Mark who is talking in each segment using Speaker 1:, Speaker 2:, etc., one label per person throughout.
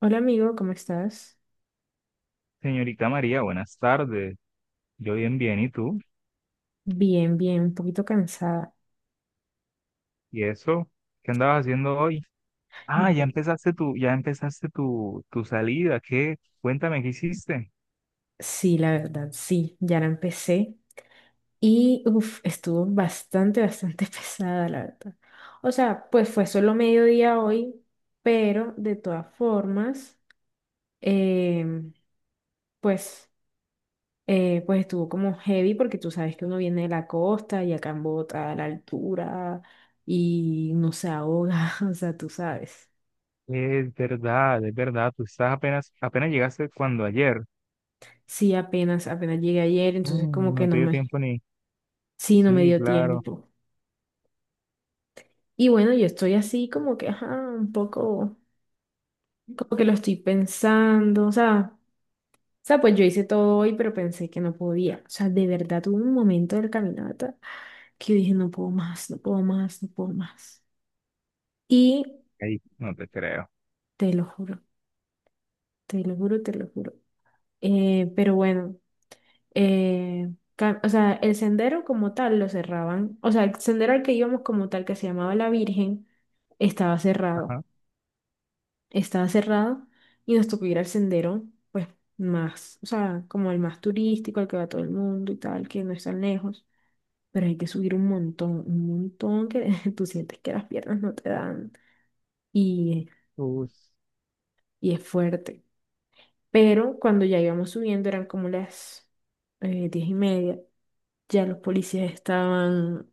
Speaker 1: Hola amigo, ¿cómo estás?
Speaker 2: Señorita María, buenas tardes. Yo bien, bien, ¿y tú?
Speaker 1: Bien, bien, un poquito cansada.
Speaker 2: ¿Y eso? ¿Qué andabas haciendo hoy? Ah, ya
Speaker 1: Mm.
Speaker 2: empezaste tu, ya empezaste tu, tu salida. ¿Qué? Cuéntame, ¿qué hiciste?
Speaker 1: Sí, la verdad, sí, ya la empecé y uf, estuvo bastante, bastante pesada, la verdad. O sea, pues fue solo mediodía hoy, pero de todas formas, em, pues, pues estuvo como heavy porque tú sabes que uno viene de la costa y acá en Bogotá, a la altura, y no se ahoga, o sea, tú sabes.
Speaker 2: Es verdad, es verdad. Tú estás apenas, apenas llegaste cuando ayer.
Speaker 1: Sí, apenas, apenas llegué ayer, entonces como
Speaker 2: Mm,
Speaker 1: que
Speaker 2: no
Speaker 1: no
Speaker 2: te dio
Speaker 1: me...
Speaker 2: tiempo ni.
Speaker 1: Sí, no me
Speaker 2: Sí,
Speaker 1: dio
Speaker 2: claro.
Speaker 1: tiempo. Y bueno, yo estoy así como que, ajá, un poco, como que lo estoy pensando, o sea, pues yo hice todo hoy, pero pensé que no podía. O sea, de verdad tuve un momento del caminata que yo dije, no puedo más, no puedo más, no puedo más. Y
Speaker 2: Ahí, no te creo.
Speaker 1: te lo juro, te lo juro, te lo juro. Pero bueno, o sea, el sendero como tal lo cerraban, o sea, el sendero al que íbamos como tal, que se llamaba La Virgen, estaba cerrado.
Speaker 2: Ajá.
Speaker 1: Estaba cerrado y nos tocó ir al sendero, pues más, o sea, como el más turístico, al que va todo el mundo y tal, que no es tan lejos, pero hay que subir un montón que tú sientes que las piernas no te dan, y,
Speaker 2: Us-
Speaker 1: y es fuerte. Pero cuando ya íbamos subiendo eran como las 10:30, ya los policías estaban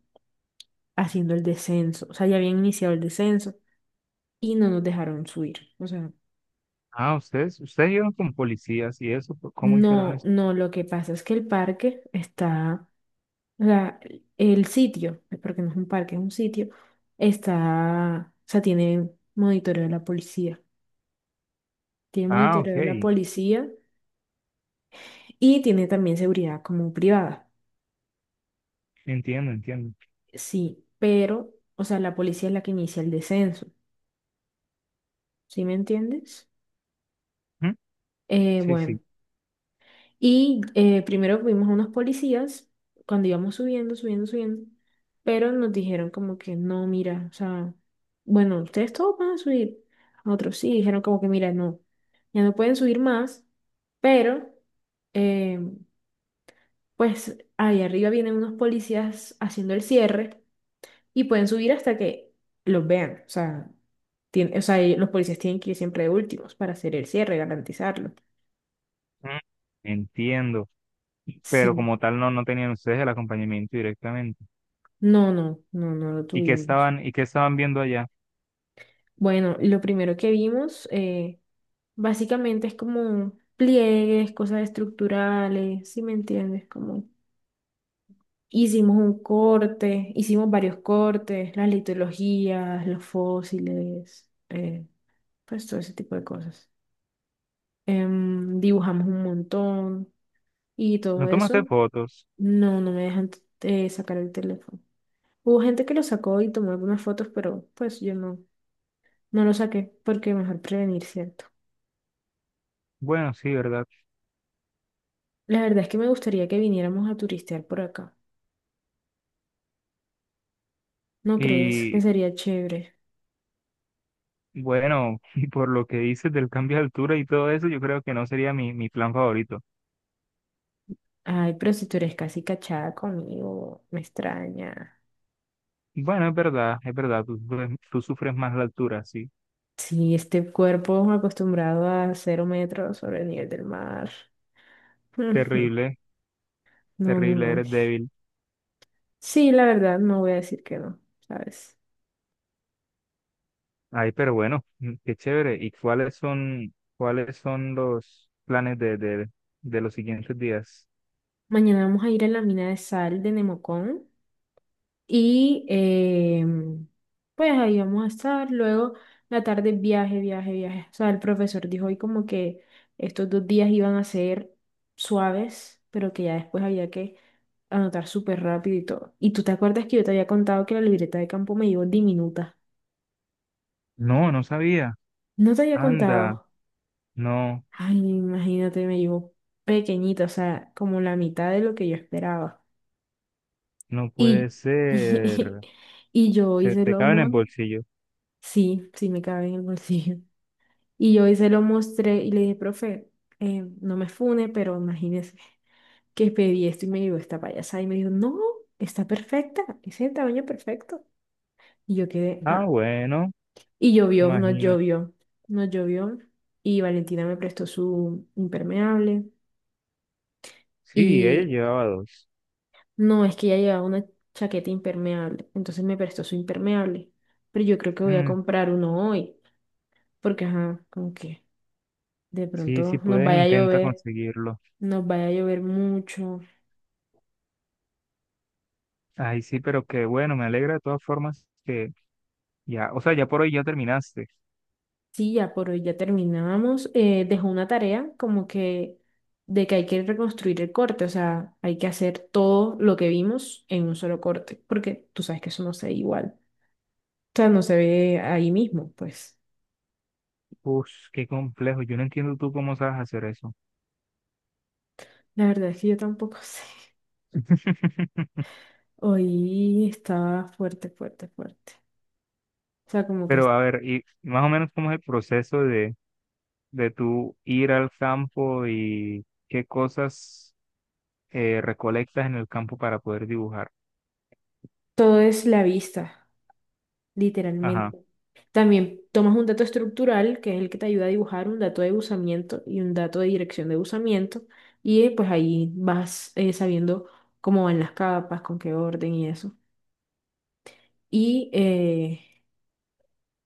Speaker 1: haciendo el descenso, o sea, ya habían iniciado el descenso y no nos dejaron subir. O sea,
Speaker 2: Ah, ustedes llegaron con policías y eso. ¿Cómo hicieron
Speaker 1: no,
Speaker 2: eso?
Speaker 1: no, lo que pasa es que el parque está... O sea, el sitio, porque no es un parque, es un sitio, está, o sea, tiene monitoreo de la policía. Tiene
Speaker 2: Ah,
Speaker 1: monitoreo
Speaker 2: ok.
Speaker 1: de la policía y tiene también seguridad como privada.
Speaker 2: Entiendo, entiendo.
Speaker 1: Sí, pero, o sea, la policía es la que inicia el descenso. ¿Sí me entiendes?
Speaker 2: Ujú, sí,
Speaker 1: Bueno,
Speaker 2: sí.
Speaker 1: y primero vimos a unos policías cuando íbamos subiendo, subiendo, subiendo, pero nos dijeron como que no, mira, o sea, bueno, ustedes todos van a subir. Otros sí, dijeron como que mira, no, ya no pueden subir más, pero eh, pues ahí arriba vienen unos policías haciendo el cierre y pueden subir hasta que los vean. O sea, tien- o sea, ellos, los policías tienen que ir siempre de últimos para hacer el cierre, garantizarlo.
Speaker 2: Mm. Entiendo. Pero
Speaker 1: Sí,
Speaker 2: como tal no, no tenían ustedes el acompañamiento directamente.
Speaker 1: no, no, no, no lo
Speaker 2: ¿Y qué
Speaker 1: tuvimos.
Speaker 2: estaban, y qué estaban viendo allá?
Speaker 1: Bueno, lo primero que vimos, básicamente, es como pliegues, cosas estructurales, ¿si me entiendes? Como hicimos un corte, hicimos varios cortes, las litologías, los fósiles, pues todo ese tipo de cosas. Dibujamos un montón y todo
Speaker 2: ¿No tomaste
Speaker 1: eso.
Speaker 2: fotos?
Speaker 1: No, no me dejan sacar el teléfono. Hubo gente que lo sacó y tomó algunas fotos, pero pues yo no, no lo saqué porque mejor prevenir, ¿cierto?
Speaker 2: Bueno, sí, ¿verdad?
Speaker 1: La verdad es que me gustaría que viniéramos a turistear por acá. ¿No crees que
Speaker 2: Y
Speaker 1: sería chévere?
Speaker 2: bueno, y por lo que dices del cambio de altura y todo eso, yo creo que no sería mi plan favorito.
Speaker 1: Ay, pero si tú eres casi cachada conmigo, me extraña.
Speaker 2: Bueno, es verdad, tú sufres más la altura, sí.
Speaker 1: Sí, este cuerpo acostumbrado a 0 metros sobre el nivel del mar. Ujú.
Speaker 2: Terrible,
Speaker 1: No, no,
Speaker 2: terrible,
Speaker 1: no.
Speaker 2: eres débil.
Speaker 1: Sí, la verdad, no voy a decir que no, ¿sabes?
Speaker 2: Ay, pero bueno, qué chévere. ¿Y cuáles son los planes de los siguientes días?
Speaker 1: Mañana vamos a ir a la mina de sal de Nemocón. Y pues ahí vamos a estar. Luego, la tarde, viaje, viaje, viaje. O sea, el profesor dijo hoy como que estos 2 días iban a ser suaves, pero que ya después había que anotar súper rápido y todo. ¿Y tú te acuerdas que yo te había contado que la libreta de campo me llevó diminuta?
Speaker 2: No, no sabía.
Speaker 1: No te había
Speaker 2: Anda,
Speaker 1: contado.
Speaker 2: no.
Speaker 1: Ay, imagínate, me llevó pequeñita, o sea, como la mitad de lo que yo esperaba.
Speaker 2: No puede
Speaker 1: Y,
Speaker 2: ser.
Speaker 1: y, yo
Speaker 2: Se
Speaker 1: hice
Speaker 2: te
Speaker 1: lo
Speaker 2: cabe en el
Speaker 1: mon-.
Speaker 2: bolsillo.
Speaker 1: Sí, sí me cabe en el bolsillo. Y yo hoy se lo mostré y le dije, profe, no me fune, pero imagínese que pedí esto y me llegó esta payasada. Y me dijo, no, está perfecta, es el tamaño perfecto. Y yo quedé,
Speaker 2: Ah,
Speaker 1: ah,
Speaker 2: bueno,
Speaker 1: y llovió, nos
Speaker 2: imagínate.
Speaker 1: llovió, nos llovió. Y Valentina me prestó su impermeable.
Speaker 2: Sí, ella
Speaker 1: Y
Speaker 2: llevaba dos.
Speaker 1: no, es que ella llevaba una chaqueta impermeable, entonces me prestó su impermeable. Pero yo creo que voy a
Speaker 2: Mm,
Speaker 1: comprar uno hoy, porque, ajá, como que de
Speaker 2: sí, sí
Speaker 1: pronto nos
Speaker 2: puedes,
Speaker 1: vaya a
Speaker 2: intenta
Speaker 1: llover,
Speaker 2: conseguirlo.
Speaker 1: nos vaya a llover mucho.
Speaker 2: Ay, sí, pero qué bueno, me alegra de todas formas que ya, o sea, ya por hoy ya terminaste.
Speaker 1: Sí, ya por hoy ya terminamos. Dejó una tarea como que de que hay que reconstruir el corte, o sea, hay que hacer todo lo que vimos en un solo corte, porque tú sabes que eso no se ve igual. O sea, no se ve ahí mismo, pues.
Speaker 2: Uf, qué complejo. Yo no entiendo tú cómo sabes hacer eso.
Speaker 1: La verdad es que yo tampoco sé. Hoy estaba fuerte, fuerte, fuerte. O sea, como que
Speaker 2: Pero a ver, y más o menos cómo es el proceso de tú ir al campo y qué cosas recolectas en el campo para poder dibujar.
Speaker 1: todo es la vista.
Speaker 2: Ajá.
Speaker 1: Literalmente. También tomas un dato estructural, que es el que te ayuda a dibujar un dato de usamiento y un dato de dirección de usamiento, y pues ahí vas sabiendo cómo van las capas, con qué orden y eso. Y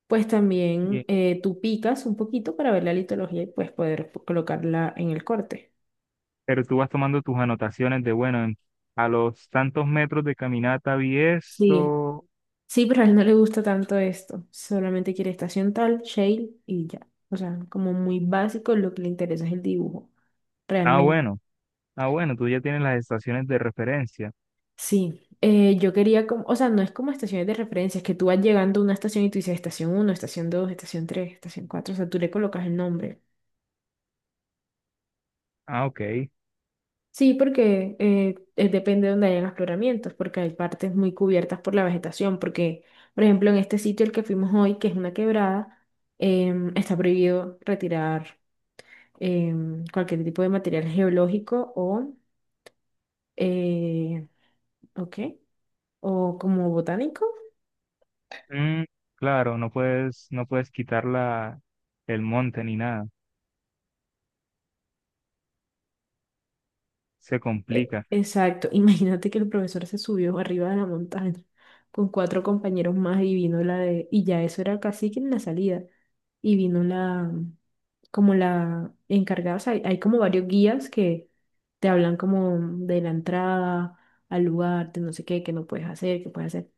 Speaker 1: pues también tú picas un poquito para ver la litología y pues poder po- colocarla en el corte.
Speaker 2: Pero tú vas tomando tus anotaciones de, bueno, en- a los tantos metros de caminata vi
Speaker 1: Sí,
Speaker 2: esto.
Speaker 1: sí, pero a él no le gusta tanto esto, solamente quiere estación tal, shale y ya. O sea, como muy básico, lo que le interesa es el dibujo,
Speaker 2: Ah,
Speaker 1: realmente.
Speaker 2: bueno, ah, bueno, tú ya tienes las estaciones de referencia.
Speaker 1: Sí, yo quería como, o sea, no es como estaciones de referencia, es que tú vas llegando a una estación y tú dices estación uno, estación 2, estación tres, estación cuatro, o sea, tú le colocas el nombre.
Speaker 2: Ah, ok.
Speaker 1: Sí, porque depende de donde hayan afloramientos, porque hay partes muy cubiertas por la vegetación, porque, por ejemplo, en este sitio el que fuimos hoy, que es una quebrada, está prohibido retirar cualquier tipo de material geológico eh, ¿o qué? O como botánico.
Speaker 2: Mm, claro, no puedes quitar la, el monte ni nada. Se
Speaker 1: E-
Speaker 2: complica.
Speaker 1: Exacto. Imagínate que el profesor se subió arriba de la montaña con cuatro compañeros más y vino la de, y ya eso era casi que en la salida. Y vino la, como la encargada, o sea, hay como varios guías que te hablan como de la entrada al lugar, de no sé qué, que no puedes hacer, que puedes hacer.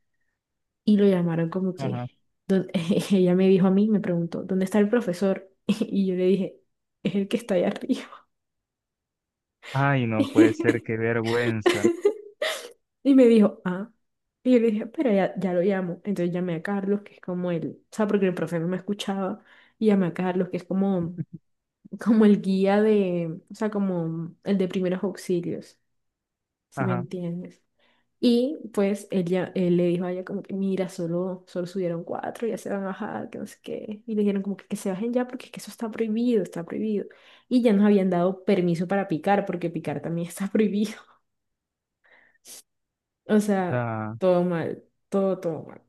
Speaker 1: Y lo llamaron como
Speaker 2: Ajá.
Speaker 1: que, don-, ella me dijo a mí, me preguntó, ¿dónde está el profesor? Y yo le dije, es el que está ahí arriba.
Speaker 2: Ay, no puede ser, qué vergüenza.
Speaker 1: Y me dijo, ah. Y yo le dije, pero ya, ya lo llamo. Entonces llamé a Carlos, que es como el, o sea, porque el profe no me escuchaba. Y llamé a Carlos, que es como el guía de, o sea, como el de primeros auxilios, si me
Speaker 2: Ajá.
Speaker 1: entiendes. Y pues él, ya, él le dijo a ella como que, mira, solo, solo subieron cuatro, ya se van a bajar, que no sé qué. Y le dijeron como que se bajen ya porque es que eso está prohibido, está prohibido. Y ya nos habían dado permiso para picar, porque picar también está prohibido. O sea,
Speaker 2: Da-
Speaker 1: todo mal, todo, todo mal.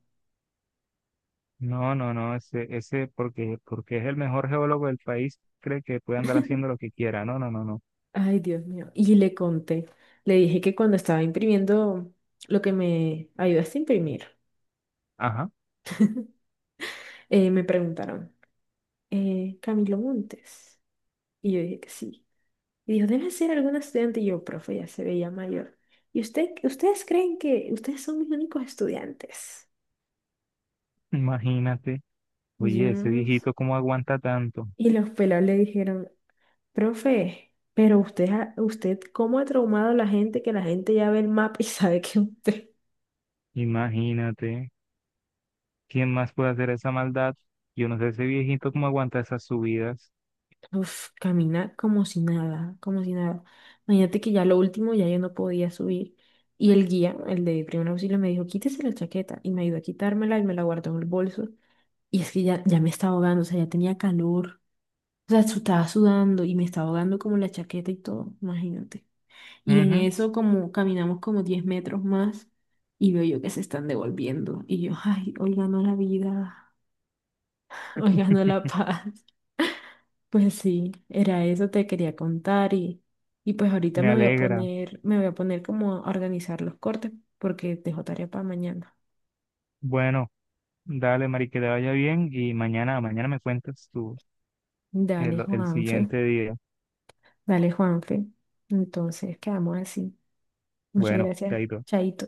Speaker 2: No, no, no, ese, porque es el mejor geólogo del país, cree que puede andar haciendo lo que quiera. No, no, no, no.
Speaker 1: Ay, Dios mío. Y le conté, le dije que cuando estaba imprimiendo lo que me ayudaste a imprimir,
Speaker 2: Ajá.
Speaker 1: me preguntaron, Camilo Montes. Y yo dije que sí. Y dijo, debe ser algún estudiante. Y yo, profe, ya se veía mayor. ¿Y usted, ustedes creen que ustedes son mis únicos estudiantes?
Speaker 2: Imagínate.
Speaker 1: Y
Speaker 2: Oye, ese
Speaker 1: yo,
Speaker 2: viejito, ¿cómo aguanta tanto?
Speaker 1: y los pelados le dijeron, profe, pero usted, ¿cómo ha traumado a la gente que la gente ya ve el mapa y sabe que usted?
Speaker 2: Imagínate, ¿quién más puede hacer esa maldad? Yo no sé ese viejito cómo aguanta esas subidas.
Speaker 1: Uf, camina como si nada, como si nada. Imagínate que ya lo último ya yo no podía subir. Y el guía, el de primer auxilio, me dijo, quítese la chaqueta. Y me ayudó a quitármela y me la guardó en el bolso. Y es que ya, ya me estaba ahogando, o sea, ya tenía calor. O sea, su- estaba sudando y me estaba ahogando como la chaqueta y todo, imagínate. Y en
Speaker 2: Ujú,
Speaker 1: eso como caminamos como 10 metros más y veo yo que se están devolviendo. Y yo, ay, hoy ganó la vida, hoy ganó la paz. Pues sí, era eso te quería contar y pues ahorita
Speaker 2: me
Speaker 1: me voy a
Speaker 2: alegra.
Speaker 1: poner, me voy a poner como a organizar los cortes porque dejo tarea para mañana.
Speaker 2: Bueno, dale, Mari, que te vaya bien y mañana me cuentas tú
Speaker 1: Dale,
Speaker 2: el
Speaker 1: Juanfe,
Speaker 2: siguiente día.
Speaker 1: dale, Juanfe. Entonces, quedamos así. Muchas
Speaker 2: Bueno,
Speaker 1: gracias,
Speaker 2: chaito.
Speaker 1: Chaito.